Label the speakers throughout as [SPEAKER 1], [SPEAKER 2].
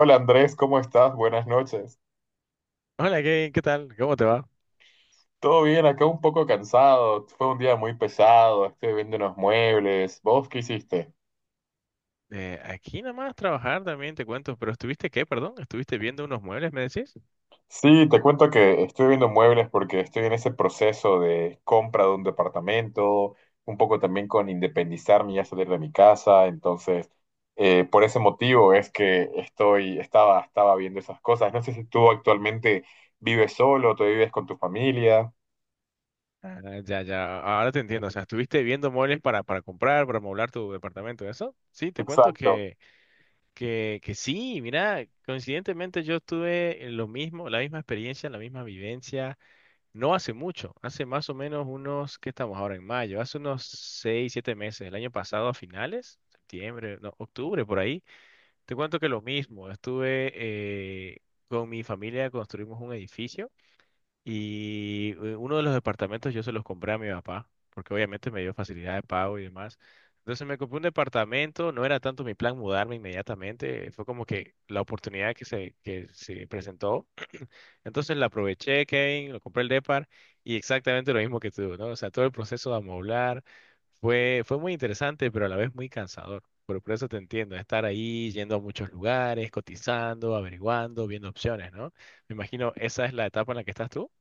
[SPEAKER 1] Hola Andrés, ¿cómo estás? Buenas noches.
[SPEAKER 2] Hola Kevin, ¿qué tal? ¿Cómo te va?
[SPEAKER 1] Todo bien, acá un poco cansado. Fue un día muy pesado. Estoy viendo unos muebles. ¿Vos qué hiciste?
[SPEAKER 2] Aquí nomás trabajar también te cuento, pero ¿estuviste qué, perdón? ¿Estuviste viendo unos muebles, me decís?
[SPEAKER 1] Sí, te cuento que estoy viendo muebles porque estoy en ese proceso de compra de un departamento, un poco también con independizarme y ya salir de mi casa. Entonces, por ese motivo es que estaba viendo esas cosas. No sé si tú actualmente vives solo, tú vives con tu familia.
[SPEAKER 2] Ah, ya, ya, ahora te entiendo, o sea, ¿estuviste viendo muebles para comprar, para amoblar tu departamento, eso? Sí, te cuento
[SPEAKER 1] Exacto.
[SPEAKER 2] que, que sí, mira, coincidentemente yo tuve lo mismo, la misma experiencia, la misma vivencia, no hace mucho, hace más o menos unos, ¿qué estamos ahora en mayo? Hace unos seis, siete meses, el año pasado a finales, septiembre, no, octubre, por ahí. Te cuento que lo mismo, estuve con mi familia, construimos un edificio y uno de los departamentos yo se los compré a mi papá, porque obviamente me dio facilidad de pago y demás. Entonces me compré un departamento, no era tanto mi plan mudarme inmediatamente, fue como que la oportunidad que se presentó. Entonces la aproveché, Kevin, lo compré el Depar y exactamente lo mismo que tú, ¿no? O sea, todo el proceso de amoblar fue muy interesante, pero a la vez muy cansador. Por eso te entiendo, estar ahí, yendo a muchos lugares, cotizando, averiguando, viendo opciones, ¿no? Me imagino esa es la etapa en la que estás tú.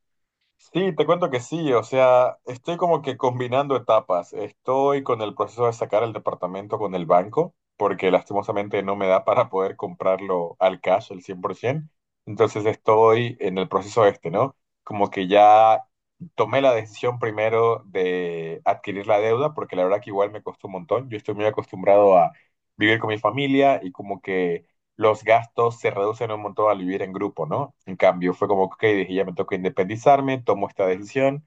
[SPEAKER 1] Sí, te cuento que sí, o sea, estoy como que combinando etapas. Estoy con el proceso de sacar el departamento con el banco, porque lastimosamente no me da para poder comprarlo al cash al 100%. Entonces estoy en el proceso este, ¿no? Como que ya tomé la decisión primero de adquirir la deuda, porque la verdad que igual me costó un montón. Yo estoy muy acostumbrado a vivir con mi familia y como que los gastos se reducen un montón al vivir en grupo, ¿no? En cambio, fue como, ok, dije, ya me toca independizarme, tomo esta decisión,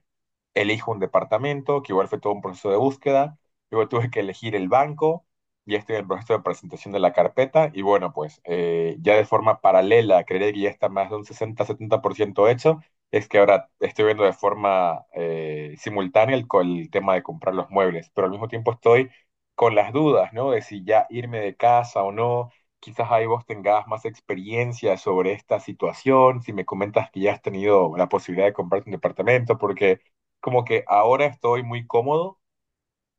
[SPEAKER 1] elijo un departamento, que igual fue todo un proceso de búsqueda, luego tuve que elegir el banco, ya estoy en el proceso de presentación de la carpeta y bueno, pues ya de forma paralela, creería que ya está más de un 60-70% hecho, es que ahora estoy viendo de forma simultánea el tema de comprar los muebles, pero al mismo tiempo estoy con las dudas, ¿no? De si ya irme de casa o no. Quizás ahí vos tengas más experiencia sobre esta situación, si me comentas que ya has tenido la posibilidad de comprarte un departamento, porque como que ahora estoy muy cómodo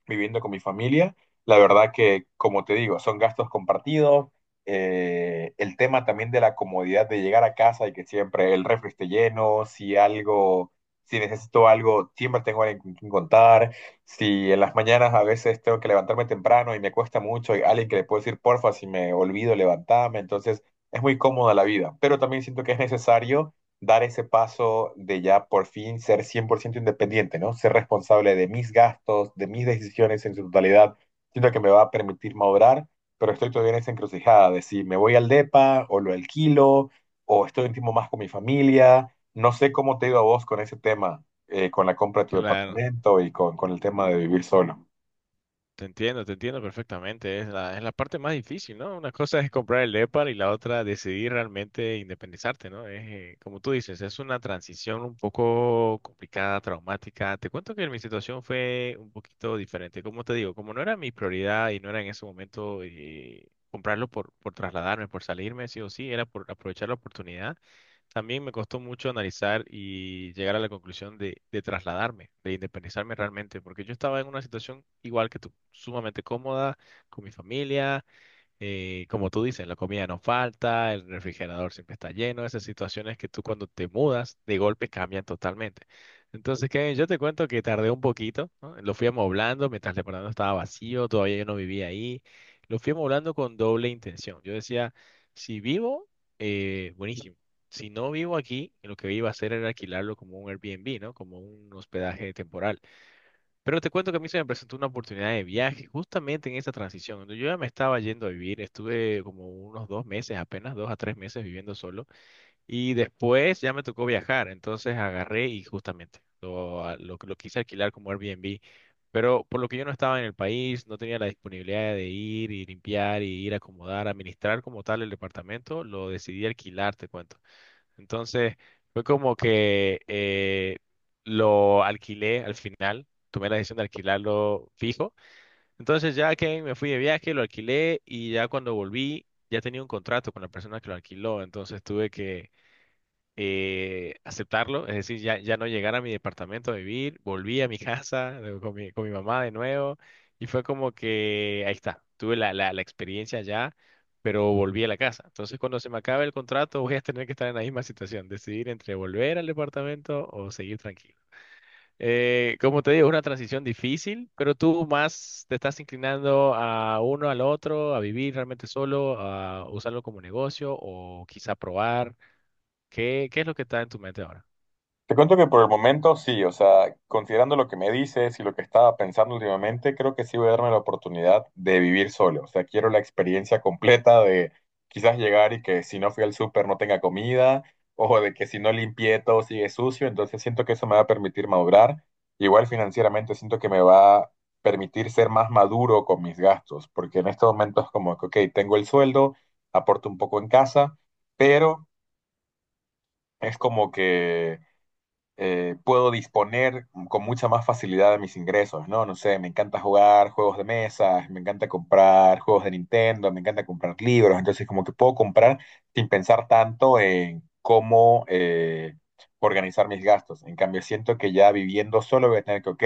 [SPEAKER 1] viviendo con mi familia. La verdad que, como te digo, son gastos compartidos. El tema también de la comodidad de llegar a casa y que siempre el refri esté lleno, si necesito algo, siempre tengo alguien con quien contar. Si en las mañanas a veces tengo que levantarme temprano y me cuesta mucho, hay alguien que le puedo decir, porfa, si me olvido, levantarme. Entonces, es muy cómoda la vida, pero también siento que es necesario dar ese paso de ya por fin ser 100% independiente, ¿no? Ser responsable de mis gastos, de mis decisiones en su totalidad. Siento que me va a permitir madurar, pero estoy todavía en esa encrucijada de si me voy al DEPA o lo alquilo o estoy un tiempo más con mi familia. No sé cómo te ha ido a vos con ese tema, con la compra de tu
[SPEAKER 2] Claro.
[SPEAKER 1] departamento y con el tema de vivir solo.
[SPEAKER 2] Te entiendo perfectamente. Es la parte más difícil, ¿no? Una cosa es comprar el EPAR y la otra decidir realmente independizarte, ¿no? Como tú dices, es una transición un poco complicada, traumática. Te cuento que mi situación fue un poquito diferente. Como te digo, como no era mi prioridad y no era en ese momento comprarlo por trasladarme, por salirme, sí o sí, era por aprovechar la oportunidad. También me costó mucho analizar y llegar a la conclusión de trasladarme, de independizarme realmente, porque yo estaba en una situación igual que tú, sumamente cómoda, con mi familia, como tú dices, la comida no falta, el refrigerador siempre está lleno, esas situaciones que tú cuando te mudas de golpe cambian totalmente. Entonces, Kevin, yo te cuento que tardé un poquito, ¿no? Lo fui amoblando mientras el departamento estaba vacío, todavía yo no vivía ahí. Lo fui amoblando con doble intención. Yo decía, si vivo, buenísimo. Si no vivo aquí, lo que iba a hacer era alquilarlo como un Airbnb, ¿no? Como un hospedaje temporal. Pero te cuento que a mí se me presentó una oportunidad de viaje justamente en esa transición. Cuando yo ya me estaba yendo a vivir, estuve como unos dos meses, apenas dos a tres meses viviendo solo y después ya me tocó viajar, entonces agarré y justamente lo quise alquilar como Airbnb, pero por lo que yo no estaba en el país, no tenía la disponibilidad de ir y limpiar y ir a acomodar, administrar como tal el departamento, lo decidí alquilar, te cuento. Entonces, fue como que lo alquilé al final, tomé la decisión de alquilarlo fijo. Entonces, ya que me fui de viaje, lo alquilé y ya cuando volví, ya tenía un contrato con la persona que lo alquiló. Entonces, tuve que aceptarlo, es decir, ya, ya no llegar a mi departamento a vivir, volví a mi casa con mi mamá de nuevo y fue como que ahí está, tuve la experiencia ya, pero volví a la casa. Entonces, cuando se me acabe el contrato, voy a tener que estar en la misma situación, decidir entre volver al departamento o seguir tranquilo. Como te digo, es una transición difícil, pero tú más te estás inclinando a uno al otro, a vivir realmente solo, a usarlo como negocio o quizá probar. ¿Qué es lo que está en tu mente ahora?
[SPEAKER 1] Te cuento que por el momento sí, o sea, considerando lo que me dices y lo que estaba pensando últimamente, creo que sí voy a darme la oportunidad de vivir solo. O sea, quiero la experiencia completa de quizás llegar y que si no fui al súper no tenga comida, o de que si no limpié todo sigue sucio. Entonces siento que eso me va a permitir madurar. Igual financieramente siento que me va a permitir ser más maduro con mis gastos, porque en estos momentos es como que, ok, tengo el sueldo, aporto un poco en casa, pero es como que puedo disponer con mucha más facilidad de mis ingresos, ¿no? No sé, me encanta jugar juegos de mesa, me encanta comprar juegos de Nintendo, me encanta comprar libros, entonces como que puedo comprar sin pensar tanto en cómo organizar mis gastos. En cambio, siento que ya viviendo solo voy a tener que, ok,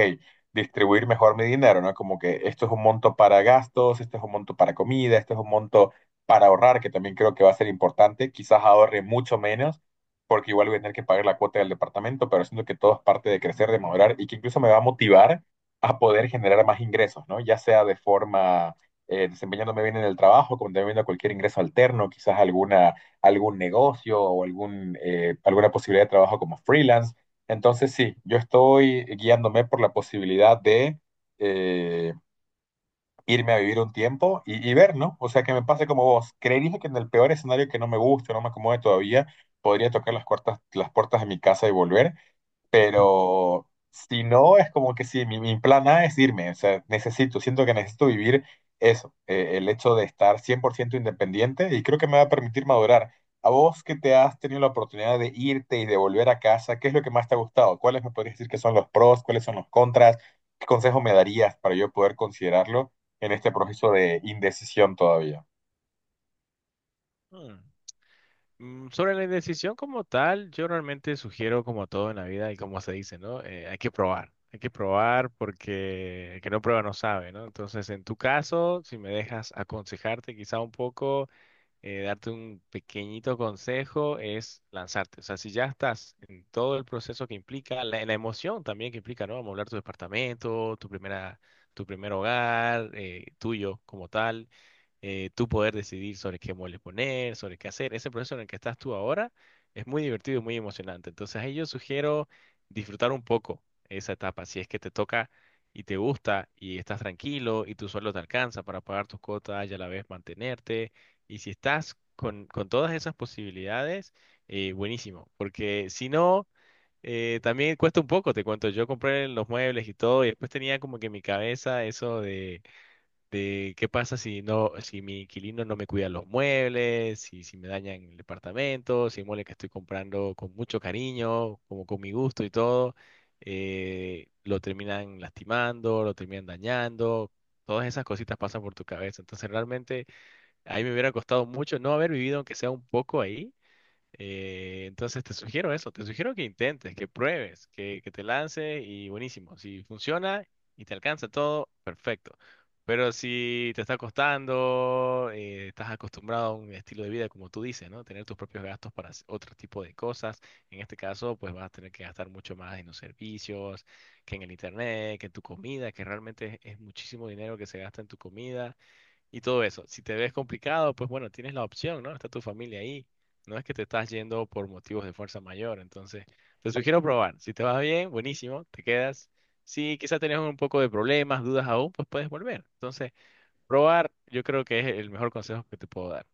[SPEAKER 1] distribuir mejor mi dinero, ¿no? Como que esto es un monto para gastos, esto es un monto para comida, esto es un monto para ahorrar, que también creo que va a ser importante, quizás ahorre mucho menos porque igual voy a tener que pagar la cuota del departamento, pero siento que todo es parte de crecer, de madurar y que incluso me va a motivar a poder generar más ingresos, ¿no? Ya sea de forma desempeñándome bien en el trabajo, como también viendo cualquier ingreso alterno, quizás algún negocio o alguna posibilidad de trabajo como freelance. Entonces, sí, yo estoy guiándome por la posibilidad de... eh, irme a vivir un tiempo y, ver, ¿no? O sea, que me pase como vos. Creería que en el peor escenario que no me guste, no me acomode todavía, podría tocar las puertas de mi casa y volver, pero si no, es como que sí, mi plan A es irme, o sea, necesito, siento que necesito vivir eso, el hecho de estar 100% independiente y creo que me va a permitir madurar. A vos que te has tenido la oportunidad de irte y de volver a casa, ¿qué es lo que más te ha gustado? ¿Cuáles me podrías decir que son los pros? ¿Cuáles son los contras? ¿Qué consejo me darías para yo poder considerarlo en este proceso de indecisión todavía?
[SPEAKER 2] Hmm. Sobre la indecisión como tal, yo realmente sugiero como todo en la vida y como se dice, ¿no? Hay que probar, hay que probar porque el que no prueba no sabe, ¿no? Entonces, en tu caso, si me dejas aconsejarte quizá un poco, darte un pequeñito consejo, es lanzarte. O sea, si ya estás en todo el proceso que implica, la emoción también que implica, ¿no? Amoblar tu departamento, tu primer hogar, tuyo como tal, tú poder decidir sobre qué muebles poner, sobre qué hacer. Ese proceso en el que estás tú ahora es muy divertido y muy emocionante. Entonces, ahí yo sugiero disfrutar un poco esa etapa. Si es que te toca y te gusta y estás tranquilo y tu sueldo te alcanza para pagar tus cuotas y a la vez mantenerte. Y si estás con todas esas posibilidades, buenísimo. Porque si no, también cuesta un poco, te cuento, yo compré los muebles y todo y después tenía como que en mi cabeza eso de qué pasa si no, si mi inquilino no me cuida los muebles, si me dañan el departamento, si hay muebles que estoy comprando con mucho cariño, como con mi gusto y todo, lo terminan lastimando, lo terminan dañando. Todas esas cositas pasan por tu cabeza. Entonces, realmente, a mí me hubiera costado mucho no haber vivido, aunque sea un poco ahí, entonces te sugiero eso, te sugiero que intentes, que pruebes, que te lance y buenísimo. Si funciona y te alcanza todo, perfecto. Pero si te está costando, estás acostumbrado a un estilo de vida, como tú dices, ¿no? Tener tus propios gastos para hacer otro tipo de cosas. En este caso, pues vas a tener que gastar mucho más en los servicios, que en el internet, que en tu comida, que realmente es muchísimo dinero que se gasta en tu comida y todo eso. Si te ves complicado, pues bueno, tienes la opción, ¿no? Está tu familia ahí. No es que te estás yendo por motivos de fuerza mayor. Entonces, te sugiero probar. Si te va bien, buenísimo, te quedas. Si quizás tenés un poco de problemas, dudas aún, pues puedes volver. Entonces, probar yo creo que es el mejor consejo que te puedo dar.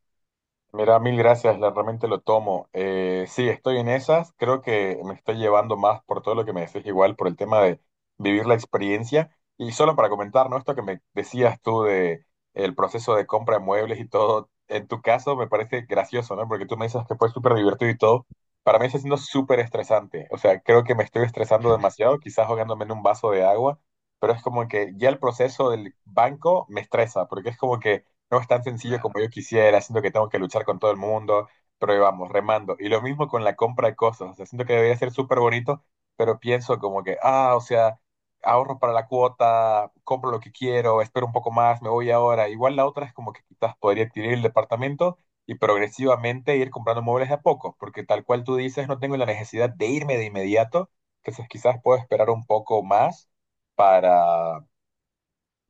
[SPEAKER 1] Mira, mil gracias, realmente lo tomo. Sí, estoy en esas, creo que me estoy llevando más por todo lo que me decís igual, por el tema de vivir la experiencia. Y solo para comentar, ¿no? Esto que me decías tú de el proceso de compra de muebles y todo, en tu caso me parece gracioso, ¿no? Porque tú me dices que fue súper divertido y todo. Para mí está siendo súper estresante, o sea, creo que me estoy estresando demasiado, quizás ahogándome en un vaso de agua, pero es como que ya el proceso del banco me estresa, porque es como que no es tan sencillo como
[SPEAKER 2] Claro.
[SPEAKER 1] yo quisiera, siento que tengo que luchar con todo el mundo, pero ahí vamos, remando. Y lo mismo con la compra de cosas, o sea, siento que debería ser súper bonito, pero pienso como que, ah, o sea, ahorro para la cuota, compro lo que quiero, espero un poco más, me voy ahora. Igual la otra es como que quizás podría adquirir el departamento y progresivamente ir comprando muebles de a poco, porque tal cual tú dices, no tengo la necesidad de irme de inmediato, entonces quizás puedo esperar un poco más para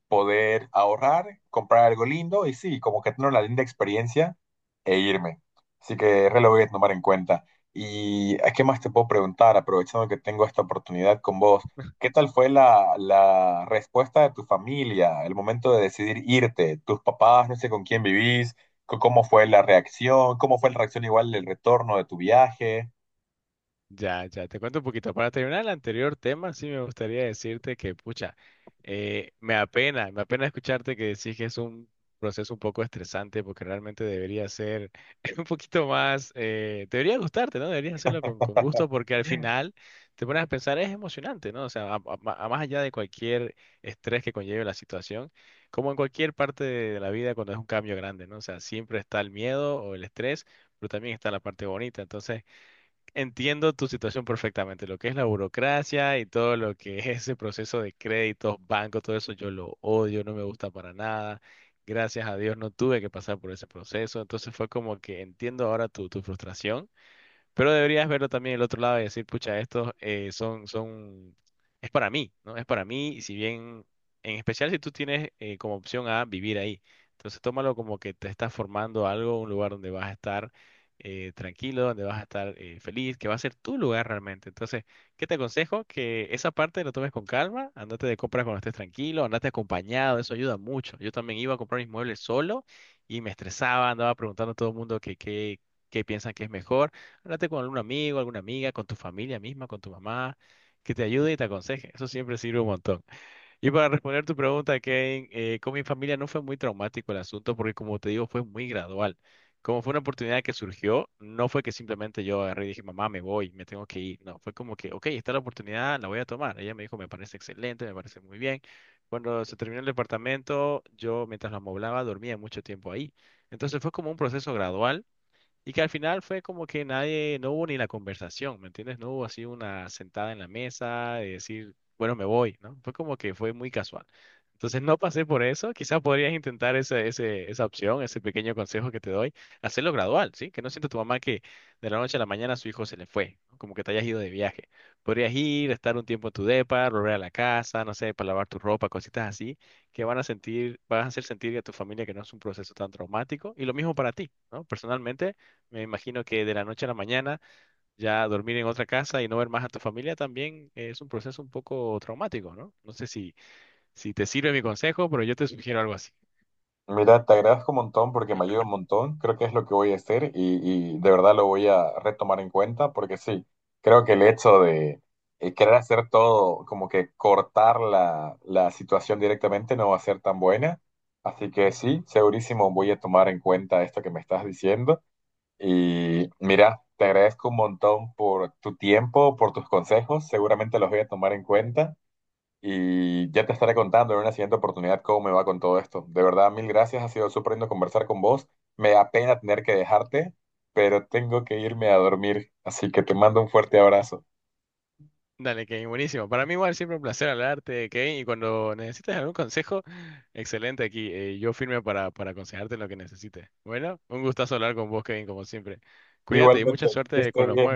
[SPEAKER 1] poder ahorrar, comprar algo lindo y sí, como que tener una linda experiencia e irme. Así que re lo voy a tomar en cuenta. ¿Y a qué más te puedo preguntar, aprovechando que tengo esta oportunidad con vos? ¿Qué tal fue la respuesta de tu familia, el momento de decidir irte? ¿Tus papás, no sé con quién vivís? ¿Cómo fue la reacción? ¿Cómo fue la reacción igual del retorno de tu viaje?
[SPEAKER 2] Ya, ya, te cuento un poquito. Para terminar el anterior tema, sí me gustaría decirte que, pucha, me apena escucharte que decís que es un proceso un poco estresante porque realmente debería ser un poquito más, debería gustarte, ¿no? Deberías hacerlo con gusto porque al final te pones a pensar, es emocionante, ¿no? O sea, a más allá de cualquier estrés que conlleve la situación, como en cualquier parte de la vida cuando es un cambio grande, ¿no? O sea, siempre está el miedo o el estrés, pero también está la parte bonita. Entonces, entiendo tu situación perfectamente, lo que es la burocracia y todo lo que es ese proceso de créditos, bancos, todo eso yo lo odio, no me gusta para nada. Gracias a Dios no tuve que pasar por ese proceso, entonces fue como que entiendo ahora tu frustración. Pero deberías verlo también el otro lado y decir, pucha, es para mí, ¿no? Es para mí, y si bien, en especial si tú tienes como opción a vivir ahí. Entonces tómalo como que te estás formando algo, un lugar donde vas a estar tranquilo, donde vas a estar feliz, que va a ser tu lugar realmente. Entonces, ¿qué te aconsejo? Que esa parte lo tomes con calma, andate de compras cuando estés tranquilo, andate acompañado, eso ayuda mucho. Yo también iba a comprar mis muebles solo y me estresaba, andaba preguntando a todo el mundo que qué, qué piensan que es mejor. Háblate con algún amigo, alguna amiga, con tu familia misma, con tu mamá, que te ayude y te aconseje. Eso siempre sirve un montón. Y para responder tu pregunta, Kevin, con mi familia no fue muy traumático el asunto porque, como te digo, fue muy gradual. Como fue una oportunidad que surgió, no fue que simplemente yo agarré y dije, mamá, me voy, me tengo que ir. No, fue como que, ok, está la oportunidad, la voy a tomar. Ella me dijo, me parece excelente, me parece muy bien. Cuando se terminó el departamento, yo mientras lo amoblaba, dormía mucho tiempo ahí. Entonces fue como un proceso gradual y que al final fue como que nadie, no hubo ni la conversación, ¿me entiendes? No hubo así una sentada en la mesa de decir, bueno, me voy, ¿no? Fue como que fue muy casual. Entonces no pasé por eso. Quizás podrías intentar esa opción, ese pequeño consejo que te doy, hacerlo gradual, ¿sí? Que no sienta tu mamá que de la noche a la mañana su hijo se le fue, ¿no? Como que te hayas ido de viaje. Podrías ir, estar un tiempo en tu depa, volver a la casa, no sé, para lavar tu ropa, cositas así, que van a sentir, van a hacer sentir a tu familia que no es un proceso tan traumático. Y lo mismo para ti, ¿no? Personalmente. Me imagino que de la noche a la mañana ya dormir en otra casa y no ver más a tu familia también es un proceso un poco traumático, ¿no? No sé si te sirve mi consejo, pero yo te sugiero algo así.
[SPEAKER 1] Mira, te agradezco un montón porque me ayuda un montón. Creo que es lo que voy a hacer y, de verdad lo voy a retomar en cuenta porque sí, creo que el hecho de querer hacer todo, como que cortar la situación directamente no va a ser tan buena. Así que sí, segurísimo voy a tomar en cuenta esto que me estás diciendo. Y mira, te agradezco un montón por tu tiempo, por tus consejos. Seguramente los voy a tomar en cuenta. Y ya te estaré contando en una siguiente oportunidad cómo me va con todo esto. De verdad, mil gracias. Ha sido súper lindo conversar con vos. Me da pena tener que dejarte, pero tengo que irme a dormir. Así que te mando un fuerte abrazo.
[SPEAKER 2] Dale, Kevin, buenísimo. Para mí igual siempre un placer hablarte, Kevin, y cuando necesites algún consejo, excelente aquí. Yo firme para aconsejarte en lo que necesites. Bueno, un gustazo hablar con vos, Kevin, como siempre. Cuídate y mucha
[SPEAKER 1] Igualmente, que
[SPEAKER 2] suerte con
[SPEAKER 1] estén
[SPEAKER 2] los
[SPEAKER 1] bien.